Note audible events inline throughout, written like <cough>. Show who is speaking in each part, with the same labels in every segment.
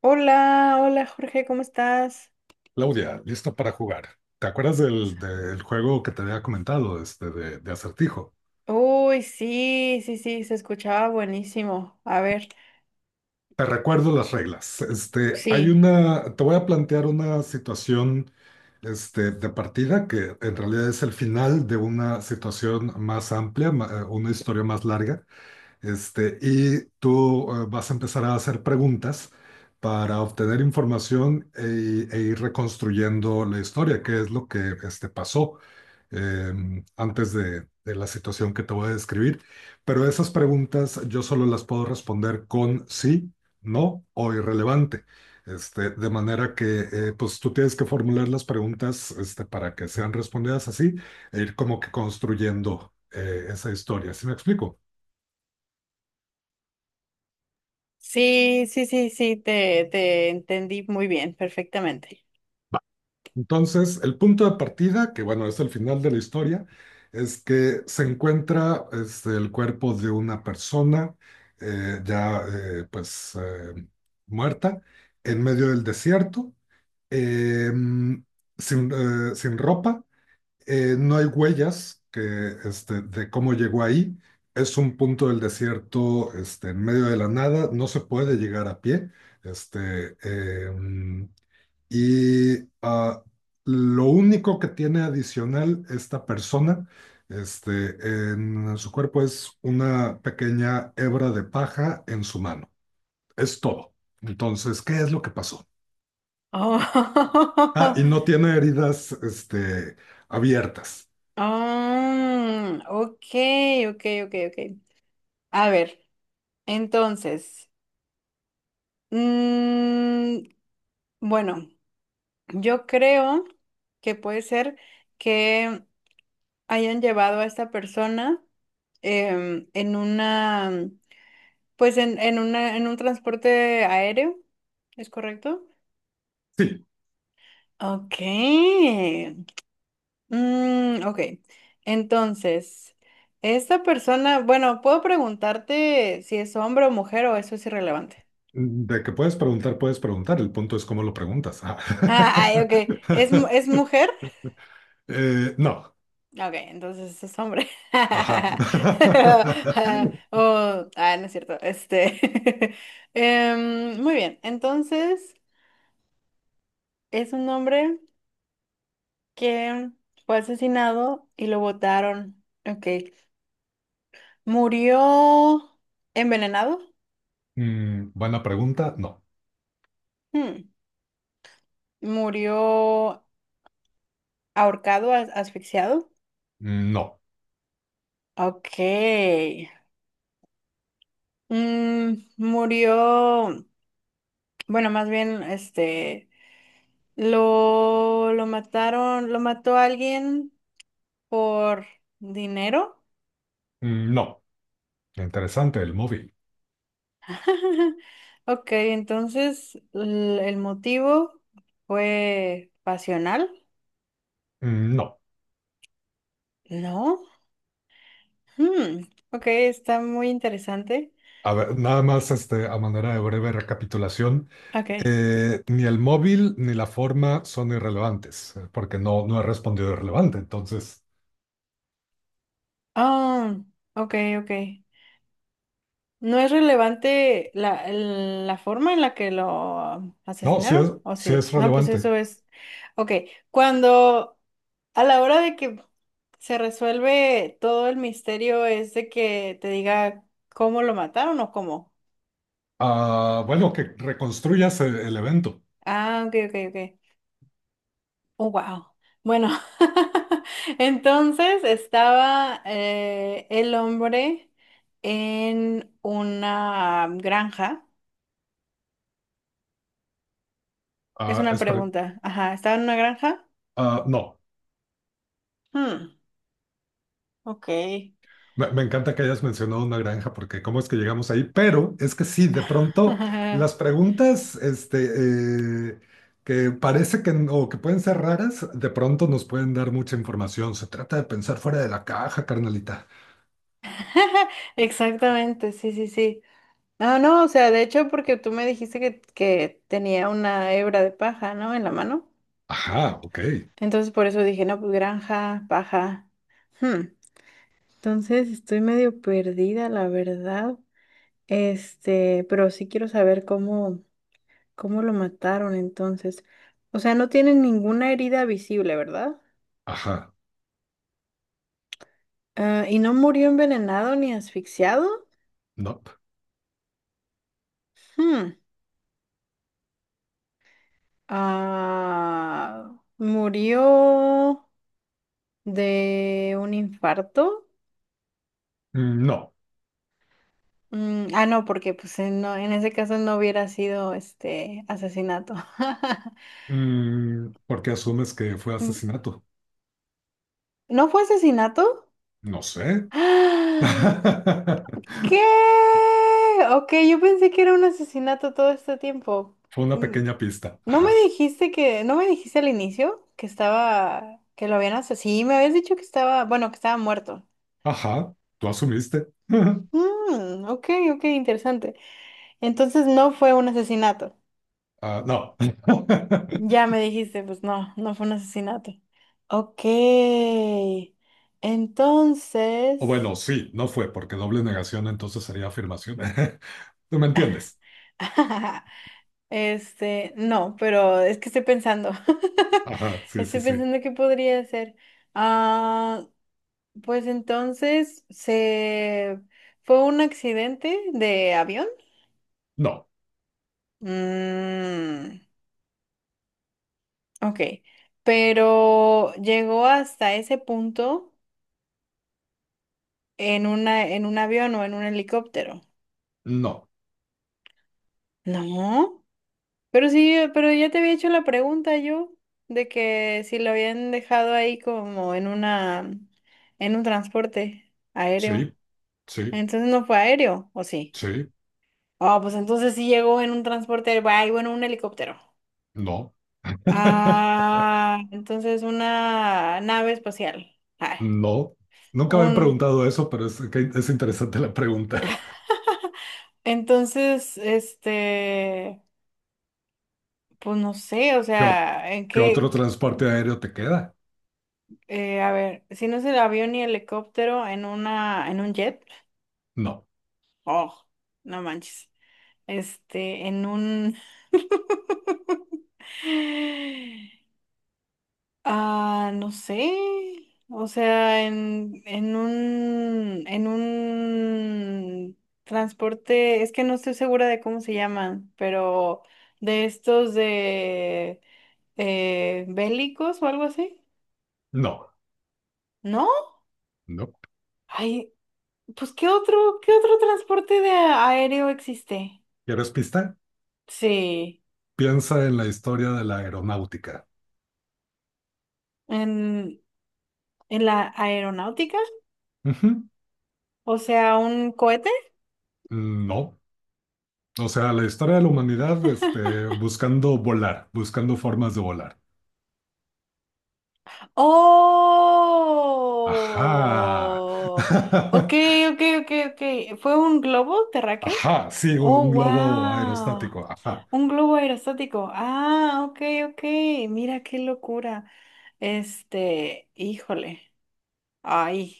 Speaker 1: Hola, hola Jorge, ¿cómo estás?
Speaker 2: Claudia, lista para jugar. ¿Te acuerdas del juego que te había comentado, de acertijo?
Speaker 1: Uy, sí, sí, sí, se escuchaba buenísimo. A ver,
Speaker 2: Te recuerdo las reglas. Este, hay
Speaker 1: sí,
Speaker 2: una, te voy a plantear una situación, de partida que en realidad es el final de una situación más amplia, una historia más larga. Y tú vas a empezar a hacer preguntas para obtener información e ir reconstruyendo la historia, qué es lo que pasó antes de la situación que te voy a describir. Pero esas preguntas yo solo las puedo responder con sí, no o irrelevante. De manera que pues tú tienes que formular las preguntas para que sean respondidas así e ir como que construyendo esa historia. ¿Sí me explico?
Speaker 1: sí, sí, sí, sí, te entendí muy bien, perfectamente.
Speaker 2: Entonces, el punto de partida, que bueno, es el final de la historia, es que se encuentra el cuerpo de una persona ya pues muerta en medio del desierto, eh, sin ropa, no hay huellas que, de cómo llegó ahí, es un punto del desierto en medio de la nada, no se puede llegar a pie. Este, em, y ah, lo único que tiene adicional esta persona este, en su cuerpo es una pequeña hebra de paja en su mano. Es todo. Entonces, ¿qué es lo que pasó?
Speaker 1: Oh,
Speaker 2: Ah, y no
Speaker 1: <laughs>
Speaker 2: tiene heridas abiertas.
Speaker 1: mm, ok, ok, ok, ok. A ver, entonces, mm, bueno, yo creo que puede ser que hayan llevado a esta persona en una. Pues en una, en un transporte aéreo, ¿es correcto?
Speaker 2: Sí,
Speaker 1: Ok. Mm, ok. Entonces, esta persona, bueno, puedo preguntarte si es hombre o mujer o eso es irrelevante.
Speaker 2: de que puedes preguntar, puedes preguntar. El punto es cómo lo preguntas. Ah.
Speaker 1: Ah, ay, ok. ¿Es, mu-
Speaker 2: <laughs>
Speaker 1: es mujer?
Speaker 2: No.
Speaker 1: Ok, entonces es hombre.
Speaker 2: Ajá.
Speaker 1: <laughs> Ah,
Speaker 2: <laughs>
Speaker 1: Oh, ah, no es cierto. Este. <laughs> Muy bien. Entonces, ¿es un hombre que fue asesinado y lo botaron? Ok. Murió envenenado.
Speaker 2: Buena pregunta. No.
Speaker 1: Hmm. Murió ahorcado, as- asfixiado.
Speaker 2: No.
Speaker 1: Ok. Murió, bueno, más bien, lo mataron, lo mató alguien por dinero.
Speaker 2: No. Interesante, el móvil.
Speaker 1: <laughs> Ok, entonces l- el motivo fue pasional,
Speaker 2: No,
Speaker 1: ¿no? Hmm, ok, está muy interesante.
Speaker 2: a ver, nada más a manera de breve recapitulación,
Speaker 1: Ok.
Speaker 2: ni el móvil ni la forma son irrelevantes, porque no he respondido irrelevante. Entonces,
Speaker 1: Ah, ok, ok. ¿No es relevante la, el- la forma en la que lo
Speaker 2: no, sí
Speaker 1: asesinaron?
Speaker 2: es,
Speaker 1: ¿O
Speaker 2: sí
Speaker 1: sí?
Speaker 2: es
Speaker 1: No, pues
Speaker 2: relevante.
Speaker 1: eso es. Ok, cuando a la hora de que se resuelve todo el misterio es de que te diga cómo lo mataron o cómo.
Speaker 2: Ah, bueno, que reconstruyas el evento.
Speaker 1: Ah, ok, ok, ok. Oh, wow. Bueno, <laughs> entonces estaba el hombre en una granja. Es
Speaker 2: Ah,
Speaker 1: una
Speaker 2: espera,
Speaker 1: pregunta. Ajá, ¿estaba en una granja?
Speaker 2: no.
Speaker 1: Hmm, ok.
Speaker 2: Me encanta que hayas mencionado una granja porque cómo es que llegamos ahí, pero es que sí, de pronto las
Speaker 1: <laughs>
Speaker 2: preguntas que parece que o que pueden ser raras, de pronto nos pueden dar mucha información. Se trata de pensar fuera de la caja, carnalita.
Speaker 1: Exactamente, sí, sí, sí. No, no, o sea, de hecho, porque tú me dijiste que tenía una hebra de paja, ¿no? En la mano.
Speaker 2: Ajá, ok.
Speaker 1: Entonces, por eso dije, no, pues granja, paja. Hmm. Entonces estoy medio perdida, la verdad. Este, pero sí quiero saber cómo, cómo lo mataron entonces. O sea, no tiene ninguna herida visible, ¿verdad?
Speaker 2: Ajá,
Speaker 1: Ah, ¿y no murió envenenado ni asfixiado?
Speaker 2: no.
Speaker 1: Hmm. Ah, ¿murió de un infarto?
Speaker 2: No.
Speaker 1: Mm, ah, no, porque pues no, en ese caso no hubiera sido este asesinato. <laughs>
Speaker 2: ¿Por qué asumes que fue
Speaker 1: Mm,
Speaker 2: asesinato?
Speaker 1: ¿no fue asesinato?
Speaker 2: No sé.
Speaker 1: <gasps>
Speaker 2: <laughs>
Speaker 1: ¿Qué? Ok, yo pensé que era un asesinato todo este tiempo.
Speaker 2: Fue una
Speaker 1: Mm,
Speaker 2: pequeña pista.
Speaker 1: ¿no me
Speaker 2: Ajá.
Speaker 1: dijiste que, no me dijiste al inicio que estaba, que lo habían asesinado? Sí, me habías dicho que estaba, bueno, que estaba muerto.
Speaker 2: Ajá, tú asumiste. <laughs>
Speaker 1: Mm, ok, ok, interesante. Entonces no fue un asesinato.
Speaker 2: Ah, no. <laughs>
Speaker 1: Ya me dijiste, pues no, no fue un asesinato. Ok,
Speaker 2: O
Speaker 1: entonces…
Speaker 2: bueno, sí, no fue, porque doble negación entonces sería afirmación. <laughs> ¿Tú me entiendes?
Speaker 1: <laughs> Este, no, pero es que estoy pensando. <laughs>
Speaker 2: Ajá, sí,
Speaker 1: Estoy
Speaker 2: sí, sí.
Speaker 1: pensando qué podría hacer. Ah, pues entonces se fue un accidente de avión.
Speaker 2: No,
Speaker 1: Mm, ok. Pero llegó hasta ese punto en una, en un avión o en un helicóptero.
Speaker 2: no,
Speaker 1: No. Pero sí, pero ya te había hecho la pregunta yo de que si lo habían dejado ahí como en una, en un transporte aéreo.
Speaker 2: sí, sí,
Speaker 1: Entonces no fue aéreo, ¿o sí?
Speaker 2: sí,
Speaker 1: Ah, pues entonces sí llegó en un transporte aéreo, ay, bueno, un helicóptero.
Speaker 2: no. <laughs>
Speaker 1: Ah, entonces una nave espacial. Ah,
Speaker 2: No, nunca me han
Speaker 1: un,
Speaker 2: preguntado eso, pero que es interesante la pregunta.
Speaker 1: entonces, este, pues no sé, o
Speaker 2: <laughs> ¿Qué, o-
Speaker 1: sea, ¿en
Speaker 2: qué otro
Speaker 1: qué?
Speaker 2: transporte aéreo te queda?
Speaker 1: A ver, si no es el avión ni helicóptero, en una, en un jet.
Speaker 2: No,
Speaker 1: Oh, no manches. Este, en un… <gasps> <sighs> Ah, no sé. O sea, en un… En un transporte… Es que no estoy segura de cómo se llaman, pero de estos de… bélicos o algo así.
Speaker 2: no,
Speaker 1: ¿No?
Speaker 2: no.
Speaker 1: Ay, pues qué otro transporte de aéreo existe?
Speaker 2: ¿Quieres pista?
Speaker 1: Sí.
Speaker 2: Piensa en la historia de la aeronáutica.
Speaker 1: En, en la aeronáutica.
Speaker 2: Ujú.
Speaker 1: O sea, un cohete.
Speaker 2: No, o sea, la historia de la humanidad,
Speaker 1: <laughs>
Speaker 2: buscando volar, buscando formas de volar. Ajá.
Speaker 1: Oh, ok,
Speaker 2: <laughs>
Speaker 1: ok, ok, ok. ¿Fue un globo terráqueo?
Speaker 2: Ajá, sí, un,
Speaker 1: Oh,
Speaker 2: un globo
Speaker 1: wow.
Speaker 2: aerostático. Ajá,
Speaker 1: Un globo aerostático. Ah, ok, ok. Mira qué locura. Este, híjole. Ay.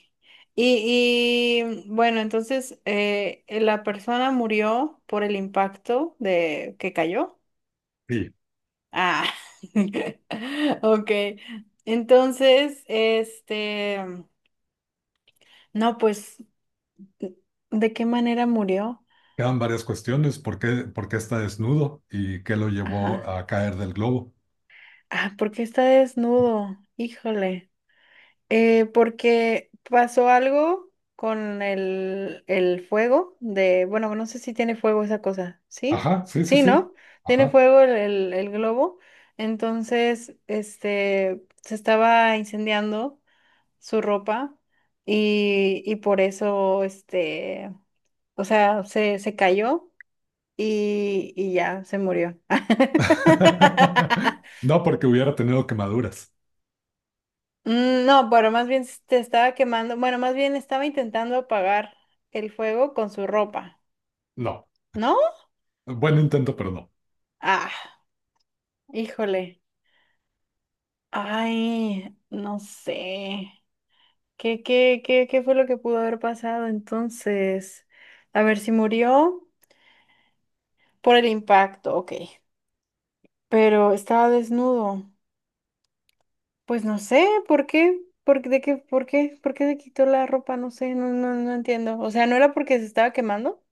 Speaker 1: Y bueno, entonces la persona murió por el impacto de que cayó.
Speaker 2: sí.
Speaker 1: Ah, <laughs> ok. Entonces, este, no, pues, ¿de qué manera murió?
Speaker 2: Quedan varias cuestiones. ¿Por qué está desnudo y qué lo llevó
Speaker 1: Ajá.
Speaker 2: a caer del globo?
Speaker 1: ¿Ah, porque está desnudo? Híjole. Porque pasó algo con el fuego de, bueno, no sé si tiene fuego esa cosa, ¿sí?
Speaker 2: Ajá, sí, sí,
Speaker 1: Sí,
Speaker 2: sí.
Speaker 1: ¿no? Tiene
Speaker 2: Ajá.
Speaker 1: fuego el, el globo. Entonces, este, se estaba incendiando su ropa y por eso, este, o sea, se cayó y ya se murió. <laughs>
Speaker 2: <laughs> No porque hubiera tenido quemaduras.
Speaker 1: Mm, no, pero más bien te estaba quemando, bueno, más bien estaba intentando apagar el fuego con su ropa,
Speaker 2: No.
Speaker 1: ¿no?
Speaker 2: Buen intento, pero no.
Speaker 1: Ah, híjole. Ay, no sé. ¿Qué, qué, qué, qué fue lo que pudo haber pasado entonces? A ver si murió por el impacto, ok. Pero estaba desnudo. Pues no sé, ¿por qué? ¿Por qué? ¿De qué? ¿Por qué? ¿Por qué se quitó la ropa? No sé, no, no, no entiendo. O sea, ¿no era porque se estaba quemando?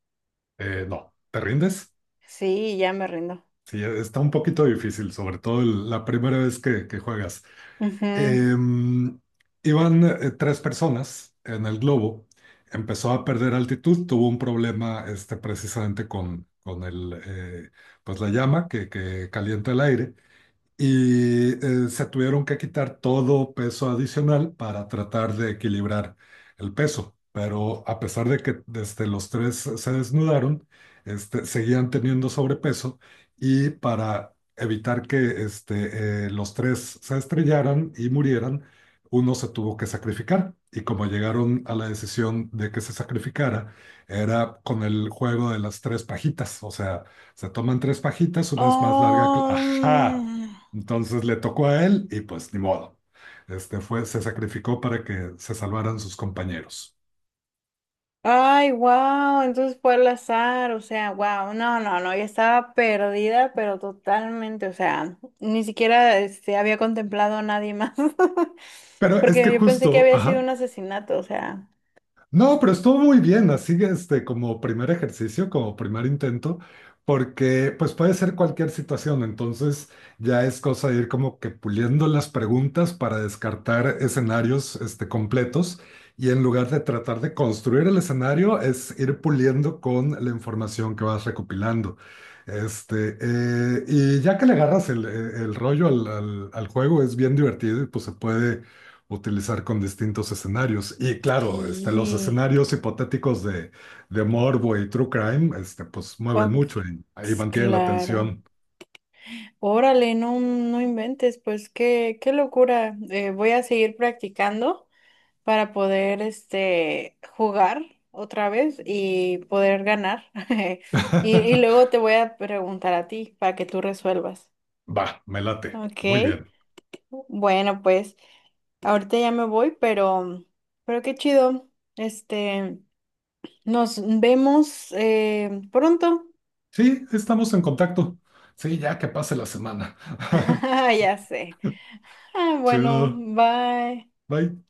Speaker 2: No. ¿Te rindes?
Speaker 1: Sí, ya me rindo.
Speaker 2: Sí, está un poquito difícil, sobre todo la primera vez que juegas.
Speaker 1: Ujú.
Speaker 2: Em, Iban tres personas en el globo, empezó a perder altitud, tuvo un problema precisamente con el, pues la llama que calienta el aire y se tuvieron que quitar todo peso adicional para tratar de equilibrar el peso. Pero a pesar de que desde los tres se desnudaron, seguían teniendo sobrepeso y para evitar que los tres se estrellaran y murieran, uno se tuvo que sacrificar. Y como llegaron a la decisión de que se sacrificara, era con el juego de las tres pajitas. O sea, se toman tres pajitas, una es más larga que...
Speaker 1: Oh,
Speaker 2: ¡Ajá!
Speaker 1: mm.
Speaker 2: Entonces le tocó a él y pues ni modo. Se sacrificó para que se salvaran sus compañeros.
Speaker 1: Ay, wow, entonces fue al azar, o sea, wow, no, no, no, ya estaba perdida, pero totalmente, o sea, ni siquiera este, había contemplado a nadie más, <laughs>
Speaker 2: Pero es que
Speaker 1: porque yo pensé que
Speaker 2: justo,
Speaker 1: había sido
Speaker 2: ajá.
Speaker 1: un asesinato, o sea,
Speaker 2: No, pero estuvo muy bien, así que, como primer ejercicio, como primer intento, porque pues puede ser cualquier situación, entonces ya es cosa de ir como que puliendo las preguntas para descartar escenarios completos y en lugar de tratar de construir el escenario es ir puliendo con la información que vas recopilando. Y ya que le agarras el rollo al juego es bien divertido y pues se puede utilizar con distintos escenarios. Y claro, los
Speaker 1: sí.
Speaker 2: escenarios hipotéticos de morbo y true crime, pues mueven
Speaker 1: Ok,
Speaker 2: mucho y ahí
Speaker 1: s-
Speaker 2: mantienen la
Speaker 1: claro.
Speaker 2: atención.
Speaker 1: Órale, no, no inventes, pues qué, qué locura. Voy a seguir practicando para poder este jugar otra vez y poder ganar. <laughs> Y, y
Speaker 2: <laughs>
Speaker 1: luego te voy a preguntar a ti para que tú resuelvas.
Speaker 2: Va, me late.
Speaker 1: Ok.
Speaker 2: Muy bien.
Speaker 1: Bueno, pues ahorita ya me voy, pero qué chido. Este, nos vemos pronto.
Speaker 2: Sí, estamos en contacto. Sí, ya que pase la semana.
Speaker 1: <laughs> Ya sé. Ah,
Speaker 2: <laughs>
Speaker 1: bueno,
Speaker 2: Chido.
Speaker 1: bye.
Speaker 2: Bye.